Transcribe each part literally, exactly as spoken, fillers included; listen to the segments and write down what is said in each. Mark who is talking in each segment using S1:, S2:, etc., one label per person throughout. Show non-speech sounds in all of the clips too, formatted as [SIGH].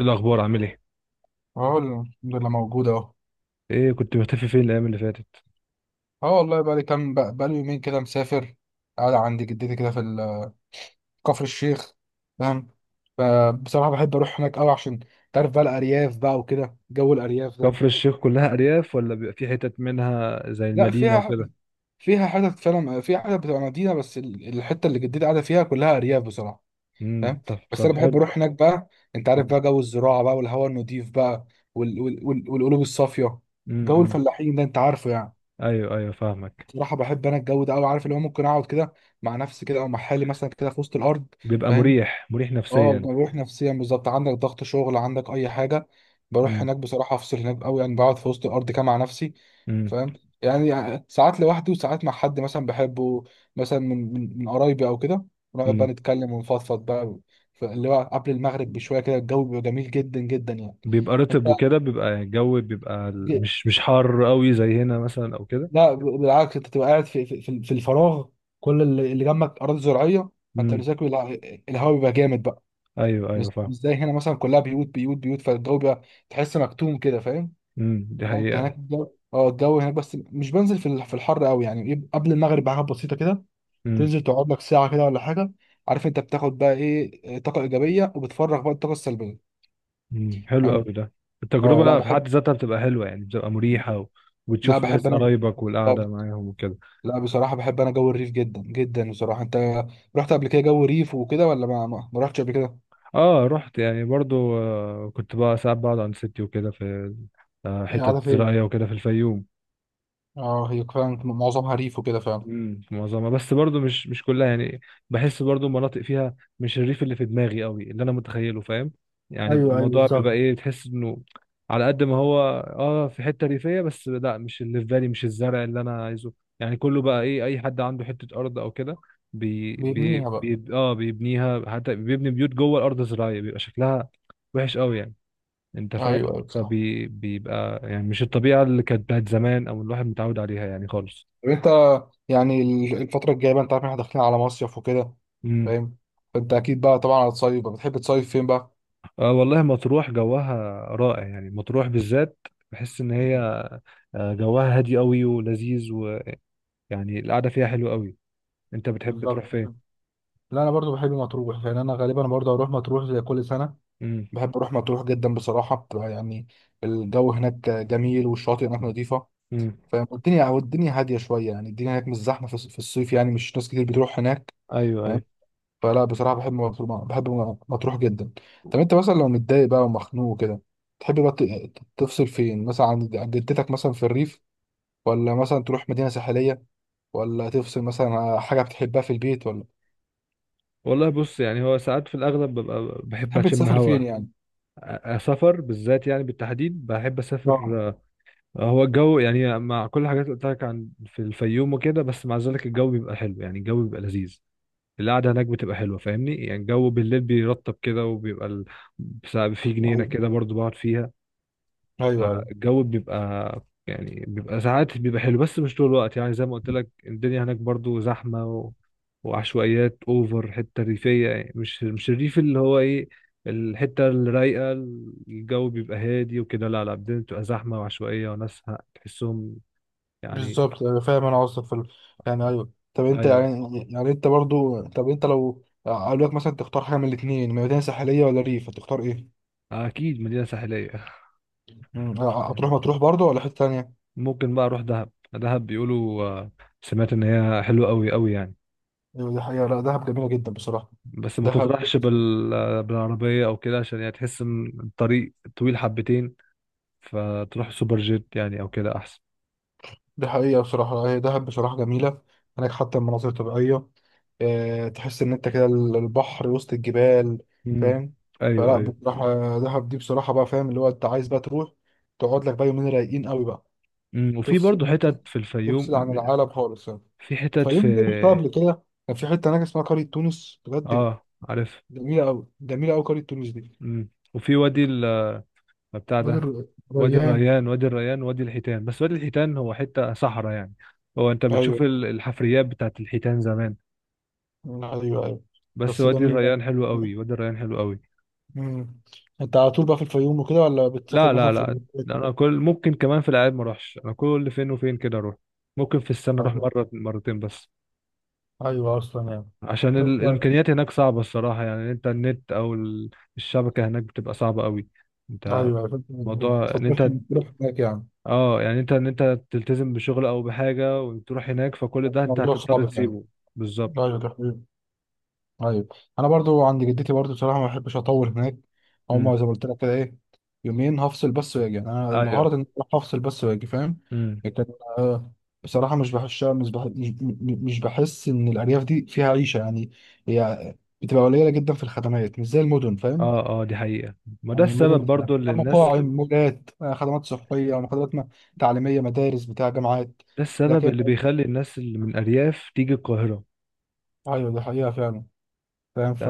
S1: إيه الأخبار عامل إيه؟
S2: اه الحمد لله موجود اهو.
S1: إيه كنت مختفي فين الأيام اللي فاتت؟
S2: اه والله بقى لي كام، بقى بقى لي يومين كده مسافر، قاعد عند جدتي كده في ال- كفر الشيخ. فاهم؟ ف- بصراحة بحب اروح هناك قوي عشان تعرف بقى الارياف بقى وكده جو الارياف ده.
S1: كفر الشيخ كلها
S2: فاهم؟
S1: أرياف ولا بيبقى في حتت منها زي
S2: لا
S1: المدينة
S2: فيها،
S1: وكده؟
S2: فيها حتت فعلا، فيها حتت بتبقى مدينة بس ال- الحتة اللي جدتي قاعدة فيها كلها ارياف بصراحة.
S1: امم.
S2: فاهم؟
S1: طب
S2: بس
S1: طب
S2: انا بحب
S1: حلو.
S2: اروح هناك بقى، انت عارف
S1: امم
S2: بقى جو الزراعة بقى والهواء النضيف بقى وال... وال... وال... والقلوب الصافية، جو
S1: امم.
S2: الفلاحين ده انت عارفه يعني.
S1: أيوه، أيوه، فاهمك.
S2: بصراحة بحب أنا الجو ده أوي، عارف اللي هو ممكن أقعد كده مع نفسي كده أو مع حالي مثلا كده في وسط الأرض.
S1: بيبقى
S2: فاهم؟
S1: مريح مريح
S2: أه
S1: نفسيا.
S2: بروح نفسيا بالظبط، عندك ضغط شغل عندك أي حاجة، بروح
S1: امم
S2: هناك بصراحة أفصل هناك أوي يعني، بقعد في وسط الأرض كده مع نفسي.
S1: امم
S2: فاهم؟ يعني ساعات لوحدي وساعات مع حد مثلا بحبه، مثلا من من من قرايبي أو كده، ونقعد بقى
S1: امم.
S2: نتكلم ونفضفض بقى. ف- اللي هو قبل المغرب بشوية كده الجو بيبقى جميل جدا جدا يعني.
S1: بيبقى
S2: أنت،
S1: رطب وكده، بيبقى الجو، بيبقى ال- مش مش حار قوي زي هنا مثلا أو كده.
S2: لا ب- بالعكس انت تبقى قاعد في في, في في الفراغ، كل اللي اللي جنبك اراضي زراعيه، فانت
S1: امم.
S2: مساك، الهواء بيبقى جامد بقى.
S1: أيوه، أيوه،
S2: مش
S1: فاهم.
S2: مش زي هنا مثلا كلها بيوت بيوت بيوت فالجو بيبقى تحس مكتوم كده. فاهم؟
S1: امم، دي
S2: لا انت
S1: حقيقة.
S2: هناك الجو، اه الجو هناك بس مش بنزل في ال- في الحر قوي يعني، ايه قبل المغرب بحاجه بسيطه كده،
S1: امم،
S2: تنزل تقعد لك ساعه كده ولا حاجه، عارف انت بتاخد بقى ايه طاقه ايجابيه وبتفرغ بقى الطاقه السلبيه.
S1: امم، حلو قوي
S2: فاهم؟
S1: ده.
S2: اه، لا
S1: التجربة في حد
S2: بحب
S1: ذاتها بتبقى حلوة، يعني بتبقى مريحة و...
S2: لا
S1: وتشوف
S2: بحب
S1: ناس
S2: انا.
S1: قرايبك والقعدة معاهم وكده.
S2: لا بصراحة بحب أنا جو الريف جدا جدا بصراحة، أنت رحت قبل كده جو ريف وكده ولا ما ما ما رحتش قبل كده؟
S1: اه رحت يعني برضو، آه، كنت بقى ساعات بقعد عند ستي وكده في آه،
S2: هي قاعدة
S1: حتت
S2: فين؟
S1: زراعية وكده في الفيوم.
S2: أه هي فعلا معظمها ريف وكده فعلا.
S1: امم، في معظمها، بس برضو مش مش كلها يعني. بحس برضو مناطق فيها مش الريف اللي في دماغي قوي، اللي انا متخيله، فاهم؟ يعني
S2: أيوه أيوه
S1: الموضوع بيبقى
S2: بالظبط.
S1: ايه، تحس انه على قد ما هو اه في حتة ريفية، بس لا مش اللي في بالي، مش الزرع اللي انا عايزه. يعني كله بقى ايه، اي حد عنده حتة ارض او كده بي بي
S2: بيبنيها بقى.
S1: بي اه بيبنيها، حتى بيبني بيوت جوه الارض الزراعية، بيبقى شكلها وحش قوي يعني. انت
S2: أيوه
S1: فاهم؟
S2: أيوه بصراحة.
S1: فبيبقى يعني مش الطبيعه اللي كانت بتاعت زمان، او الواحد متعود عليها يعني خالص.
S2: طب أنت، يعني ال- الفترة الجاية بقى أنت عارف إن إحنا داخلين على مصيف وكده.
S1: امم.
S2: فاهم؟ فأنت أكيد بقى طبعا هتصيف بقى، بتحب تصيف فين بقى؟
S1: اه والله مطروح جوها رائع يعني، مطروح بالذات. بحس ان هي آه، جوها هادي قوي ولذيذ، ويعني القعده فيها حلوه قوي. انت بتحب تروح
S2: بالظبط.
S1: فين؟
S2: لا أنا برضو بحب مطروح يعني، أنا غالبا برضو هروح مطروح زي كل سنة،
S1: امم.
S2: بحب أروح مطروح جدا بصراحة، بتبقى يعني الجو هناك جميل والشواطئ هناك نظيفة.
S1: امم.
S2: فاهم؟ والدنيا، والدنيا هاديه شويه يعني، الدنيا هناك مش زحمه في في الصيف يعني، مش ناس كتير بتروح هناك.
S1: ايوه،
S2: فاهم؟
S1: ايوه.
S2: فلا بصراحه بحب مطروح، بحب مطروح جدا. طب انت مثلا لو متضايق بقى ومخنوق كده، تحب بقى ت- تفصل فين مثلا عن عن جدتك مثلا في الريف، ولا مثلا تروح مدينه ساحليه، ولا تفصل مثلا على حاجه بتحبها في البيت، ولا
S1: والله بص، يعني هو ساعات في الاغلب ببقى بحب
S2: تحب
S1: اشم
S2: تسافر
S1: هوا.
S2: فين يعني؟
S1: أ- سفر بالذات يعني، بالتحديد بحب
S2: اه،
S1: اسافر. هو الجو يعني مع كل الحاجات اللي قلت لك عن في الفيوم وكده، بس مع ذلك الجو بيبقى حلو يعني، الجو بيبقى لذيذ. القعدة هناك بتبقى حلوة، فاهمني؟ يعني الجو بالليل بيرطب كده وبيبقى ال... بس- في جنينة
S2: ايوه
S1: كده برضو بقعد فيها.
S2: ايوه
S1: فالجو بيبقى، يعني بيبقى ساعات بيبقى حلو بس مش طول الوقت، يعني زي ما قلت لك الدنيا هناك برضو زحمة و... وعشوائيات اوفر، حتة ريفية يعني، مش مش الريف اللي هو ايه الحتة الرايقة، الجو بيبقى هادي وكده. لا لا، الدنيا بتبقى زحمة وعشوائية، وناس ه- تحسهم يعني.
S2: بالظبط، أنا فاهم انا قصدك في ال... يعني ايوه، طب انت
S1: ايوه،
S2: يعني يعني انت برضو طب انت لو اقول لك مثلا تختار حاجه من الاثنين مدينه ساحليه ولا ريف هتختار ايه؟
S1: اكيد مدينة ساحلية.
S2: مم، هتروح
S1: [LAUGHS]
S2: مطروح برضو ولا حته تانيه؟
S1: ممكن بقى اروح دهب، دهب بيقولوا آه، سمعت ان هي حلوة قوي قوي يعني.
S2: ايوه دي حقيقه، لا دهب جميله جدا بصراحه.
S1: بس ما
S2: دهب
S1: تطرحش بال... بالعربية او كده، عشان يعني تحس ان الطريق طويل حبتين، فتروح سوبر جيت يعني او كده احسن.
S2: دي حقيقه بصراحه، هي دهب بصراحه جميله، هناك حتى المناظر الطبيعيه، آه، تحس ان انت كده ال- البحر وسط الجبال.
S1: امم.
S2: فاهم؟
S1: ايوه،
S2: فلا
S1: ايوه.
S2: بصراحه دهب دي بصراحه بقى، فاهم اللي هو انت عايز بقى تروح تقعد لك بقى يومين رايقين قوي بقى،
S1: أمم، وفي
S2: تفصل،
S1: برضه حتت في الفيوم،
S2: تفصل عن العالم خالص يعني.
S1: في حتت في.
S2: فيوم دي رحتها قبل كده، كان في حته هناك اسمها قريه تونس بجد،
S1: اه عارف.
S2: جميله قوي جميله قوي قريه تونس دي.
S1: أمم، وفي وادي ال... آه، بتاع
S2: وادي
S1: ده،
S2: الر-
S1: وادي
S2: الريان.
S1: الريان، وادي الريان، وادي الحيتان. بس وادي الحيتان هو حتة صحراء يعني، هو انت
S2: ايوه
S1: بتشوف ال- الحفريات بتاعت الحيتان زمان.
S2: ايوه ايوه.
S1: بس
S2: بس
S1: وادي
S2: جميله.
S1: الريان حلو قوي، وادي الريان حلو قوي.
S2: مم. انت على طول بقى في الفيوم وكده ولا بتسافر
S1: لا،
S2: مثلا
S1: لا،
S2: في
S1: لا،
S2: الريف؟
S1: ده انا كل ممكن كمان في الاعياد ما اروحش، انا كل فين وفين كده اروح، ممكن في السنه اروح
S2: ايوه
S1: مره مرتين بس.
S2: ايوه اصلا يعني.
S1: عشان
S2: طب
S1: ال-
S2: طيب.
S1: الامكانيات هناك صعبه الصراحه، يعني انت النت او ال- الشبكه هناك بتبقى صعبه قوي. انت
S2: ايوه فأنت
S1: موضوع ان
S2: بتفضلش
S1: انت
S2: انك تروح هناك يعني.
S1: اه يعني انت ان انت تلتزم بشغل او بحاجه وتروح هناك، فكل ده انت
S2: موضوع
S1: هتضطر
S2: صعب يعني.
S1: تسيبه. بالظبط.
S2: ايوه ده حقيقي. ايوه. انا برضو عند جدتي برضو بصراحه ما بحبش اطول هناك، هما
S1: امم.
S2: زي ما قلت لك كده، ايه، يومين هفصل بس واجي، انا
S1: ايوه.
S2: الغرض ان أنا هفصل بس واجي. فاهم؟
S1: امم.
S2: لكن، آه، بصراحه مش بحس مش بح- مش مش بحس ان الارياف دي فيها عيشه يعني، هي بتبقى قليله جدا في الخدمات مش زي المدن. فاهم؟
S1: اه، اه، دي حقيقه، ما ده
S2: يعني المدن
S1: السبب
S2: بتبقى
S1: برضو اللي
S2: فيها
S1: الناس،
S2: مطاعم، مولات، آه، خدمات صحيه، خدمات م- تعليميه، مدارس، بتاع جامعات.
S1: ده السبب
S2: لكن،
S1: اللي بيخلي الناس اللي من ارياف تيجي القاهره.
S2: ايوه دي حقيقه فعلا. فاهم ف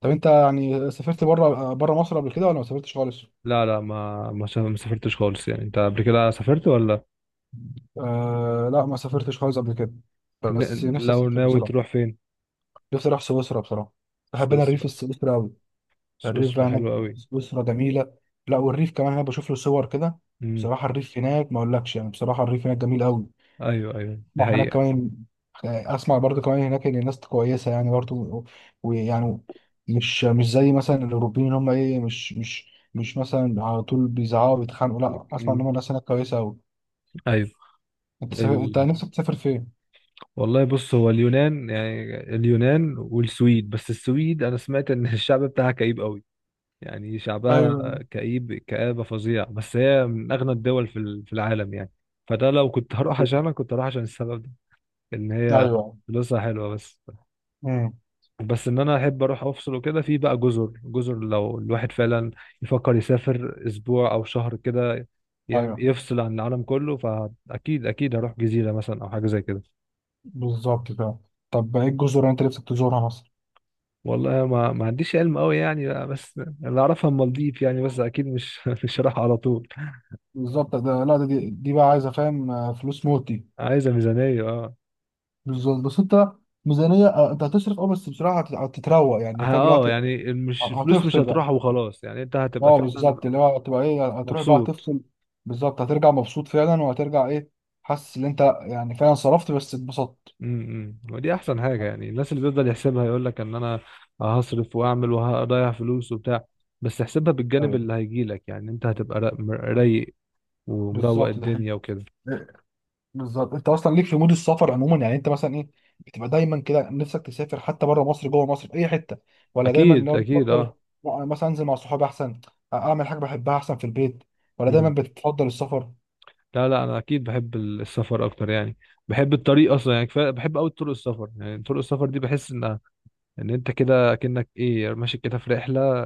S2: طب انت يعني سافرت بره بره مصر قبل كده ولا ما سافرتش خالص؟
S1: لا، لا، ما ما سا- ما سافرتش خالص يعني. انت قبل كده سافرت ولا؟
S2: آه لا ما سافرتش خالص قبل كده، بس
S1: ن-
S2: نفسي
S1: لو
S2: اسافر
S1: ناوي
S2: بصراحه،
S1: تروح فين؟
S2: نفسي اروح سويسرا بصراحه، بحب انا الريف
S1: سويسرا.
S2: السويسري قوي. الريف بقى
S1: سويسرا
S2: هناك
S1: حلوة قوي.
S2: في سويسرا جميله، لا والريف كمان انا بشوف له صور كده،
S1: امم.
S2: بصراحه الريف هناك ما اقولكش يعني، بصراحه الريف هناك جميل قوي،
S1: ايوه، ايوه، دي
S2: ما هناك
S1: حقيقة.
S2: كمان، اسمع برضو كمان هناك ان الناس كويسه يعني برضو، ويعني مش مش زي مثلا الاوروبيين اللي هم ايه، مش مش مش مثلا على طول بيزعقوا ويتخانقوا، لا اسمع ان
S1: امم.
S2: هم الناس هناك كويسه قوي.
S1: ايوه.
S2: انت سافر... انت
S1: ال...
S2: نفسك تسافر فين؟
S1: والله بص، هو اليونان، يعني اليونان والسويد، بس السويد انا سمعت ان [LAUGHS] الشعب بتاعها كئيب قوي، يعني شعبها
S2: ايوه.
S1: كئيب كآبة فظيعة. بس هي من اغنى الدول في ال- في العالم يعني، فده لو كنت هروح
S2: إيه.
S1: عشانها كنت هروح عشان السبب ده، ان هي
S2: ايوه.
S1: فلوسها حلوة بس.
S2: امم.
S1: بس ان انا احب اروح افصل وكده، في بقى جزر، جزر لو الواحد فعلا يفكر يسافر اسبوع او شهر كده، يعني
S2: ايوه
S1: يفصل عن العالم كله، فاكيد اكيد هروح جزيره مثلا او حاجه زي كده.
S2: بالظبط كده. طب ايه الجزر اللي انت نفسك تزورها مثلا؟
S1: والله ما ما عنديش علم قوي يعني، لا، بس اللي اعرفها المالديف يعني، بس اكيد مش [LAUGHS] مش رايح على طول.
S2: بالظبط ده، لا ده دي, دي بقى عايزه، فاهم، آه، فلوس موت دي.
S1: عايزه ميزانيه اه.
S2: بالظبط. بس انت ميزانيه، آه، انت هتصرف اه بس بصراحه هت- هتتروق يعني، فاهم اللي هو
S1: اه
S2: هت-
S1: يعني مش فلوس، مش
S2: هتفصل بقى.
S1: هتروح وخلاص يعني، انت هتبقى
S2: اه
S1: فعلا
S2: بالظبط اللي هو هتبقى ايه، هتروح بقى
S1: مبسوط.
S2: هتفصل بالظبط، هترجع مبسوط فعلا، وهترجع ايه، حاسس ان انت يعني فعلا صرفت بس اتبسطت.
S1: امم، امم. ودي احسن حاجه يعني، الناس اللي بيفضل يحسبها يقول لك ان انا هصرف واعمل وهضيع فلوس وبتاع، بس احسبها بالجانب
S2: ايوه
S1: اللي هيجي لك، يعني انت هتبقى را- مر- رايق ومروق
S2: بالظبط ده حقيقي.
S1: الدنيا وكده.
S2: إيه، بالظبط انت اصلا ليك في مود السفر عموما يعني، انت مثلا ايه، بتبقى دايما كده نفسك تسافر حتى بره مصر جوه مصر في اي حته ولا دايما اللي
S1: اكيد،
S2: هو
S1: اكيد
S2: بتفضل،
S1: اه.
S2: لا انا مثلا انزل مع صحابي احسن، اعمل حاجه بحبها احسن في البيت ولا دايما
S1: امم.
S2: بتفضل السفر،
S1: لا، لا، انا اكيد بحب ال- السفر اكتر يعني. بحب الطريق اصلا، يعني كفايه بحب قوي طرق السفر، يعني طرق السفر دي بحس ان، ان انت كده اكنك ايه ماشي كده في رحله.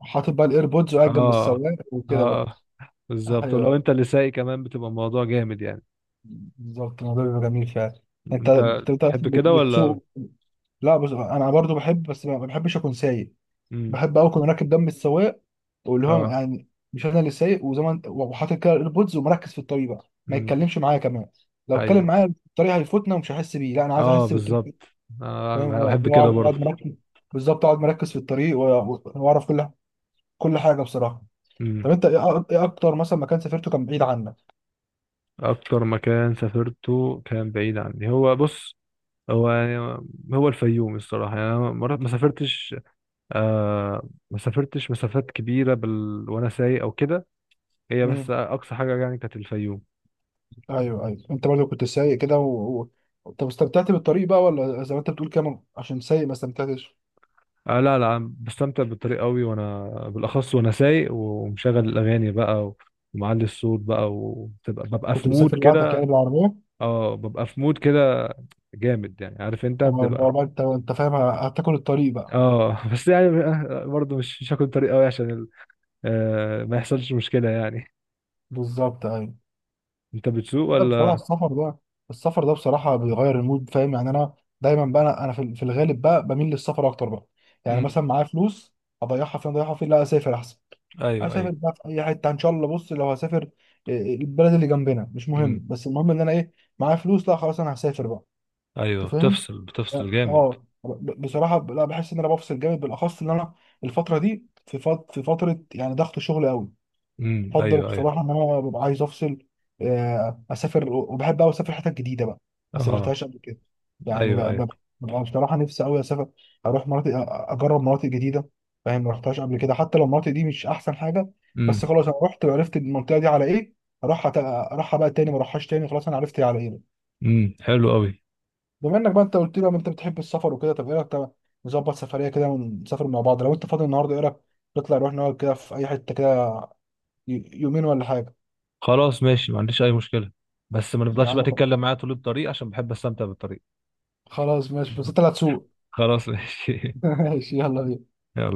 S2: حاطط بقى الايربودز وقاعد جنب
S1: اه،
S2: السواق وكده بقى.
S1: اه بالظبط، ولو
S2: ايوه
S1: انت اللي سايق كمان بتبقى الموضوع جامد يعني.
S2: بالظبط الموضوع بيبقى جميل فعلا. انت
S1: انت
S2: بتبقى
S1: تحب كده ولا؟
S2: بتسوق، لا بس انا برضو بحب بس ما بحبش اكون سايق،
S1: امم.
S2: بحب قوي اكون راكب دم السواق، واللي هو
S1: اه.
S2: يعني مش انا اللي سايق، وزي ما انت، وحاطط كده الايربودز ومركز في الطريق بقى ما
S1: امم.
S2: يتكلمش معايا كمان، لو اتكلم
S1: ايوه.
S2: معايا في الطريق هيفوتنا ومش هحس بيه، لا انا عايز
S1: اه
S2: احس بالطريق.
S1: بالظبط.
S2: فاهم؟
S1: انا
S2: اه
S1: بحب
S2: اللي هو اقعد،
S1: كده
S2: أقعد
S1: برضه.
S2: مركز بالظبط، اقعد مركز في الطريق، و- و- واعرف كل كل حاجه بصراحه.
S1: امم.
S2: طب انت ايه أ- ايه اكتر مثلا مكان سافرته كان بعيد
S1: اكتر مكان سافرته كان بعيد عني هو، بص هو يعني، هو الفيوم الصراحه يعني، انا مرات ما سافرتش، آه ما سافرتش مسافات كبيره بال... وانا سايق او كده، هي
S2: عنك؟
S1: بس اقصى حاجه يعني كانت الفيوم.
S2: ايوه ايوه، انت برضه كنت سايق كده و... و... طب استمتعت بالطريق بقى ولا زي ما انت بتقول كده عشان سايق ما استمتعتش؟
S1: آه، لا، لا، أنا بستمتع بالطريق قوي، وانا بالاخص وانا سايق ومشغل الاغاني بقى و... ومعلي الصوت بقى، وببقى ببقى
S2: كنت
S1: في مود
S2: مسافر لوحدك يعني
S1: كده.
S2: بالعربيه؟
S1: اه، ببقى في مود كده جامد يعني، عارف انت
S2: اما اللي هو
S1: بتبقى.
S2: بقى انت انت فاهم هتاكل الطريق بقى.
S1: اه. [LAUGHS] بس يعني برضه مش مش هاكل طريق قوي عشان ال... آه ما يحصلش مشكلة يعني.
S2: بالظبط ايوه.
S1: انت بتسوق
S2: لا بصراحه
S1: ولا؟
S2: السفر ده، السفر ده بصراحه بيغير المود. فاهم؟ يعني انا دايما بقى، انا أنا في في الغالب بقى بميل للسفر اكتر بقى، يعني
S1: امم.
S2: مثلا معايا فلوس، اضيعها فين اضيعها فين، لا اسافر احسن،
S1: ايوه، ايوه.
S2: اسافر بقى في اي حته ان شاء الله، بص لو هسافر، إيه، البلد اللي جنبنا مش مهم،
S1: امم.
S2: بس المهم ان انا ايه، معايا فلوس، لا خلاص انا هسافر بقى.
S1: ايوه
S2: انت فاهم؟
S1: بتفصل بتفصل جامد.
S2: اه ب- بصراحه ب- لا بحس ان انا بفصل جامد، بالاخص ان انا الفتره دي في فت- في فتره يعني ضغط شغل قوي،
S1: امم،
S2: بفضل
S1: ايوه، ايوه.
S2: بصراحه ان انا ببقى عايز افصل، آه، اسافر، وبحب قوي اسافر حتت جديده بقى ما
S1: اه،
S2: سافرتهاش قبل كده، يعني
S1: ايوه،
S2: بقى
S1: ايوه.
S2: بقى- ببقى بصراحه نفسي قوي اسافر، اروح مناطق أ- اجرب مناطق جديده. فاهم؟ ما رحتهاش قبل كده، حتى لو المناطق دي مش احسن حاجه،
S1: امم،
S2: بس خلاص انا رحت وعرفت المنطقه دي على ايه، اروح أت- اروحها بقى تاني، ما اروحهاش تاني، خلاص انا عرفت هي على ايه.
S1: امم، حلو قوي.
S2: بما انك بقى انت قلت لي بقى انت بتحب السفر وكده، طب ايه رايك، طب نظبط سفريه كده ونسافر مع بعض، لو انت فاضي النهارده ايه رايك، نطلع نروح نقعد كده في اي حته كده ي- يومين ولا حاجه.
S1: خلاص ماشي، ما عنديش اي مشكله. بس ما
S2: يا
S1: نفضلش بقى
S2: عم،
S1: تتكلم معايا طول الطريق عشان بحب استمتع بالطريق.
S2: خلاص ماشي، بس
S1: [LAUGHS]
S2: انت اللي هتسوق.
S1: خلاص ماشي
S2: [LAUGHS]
S1: [LAUGHS]
S2: ماشي، يلا بينا.
S1: يلا.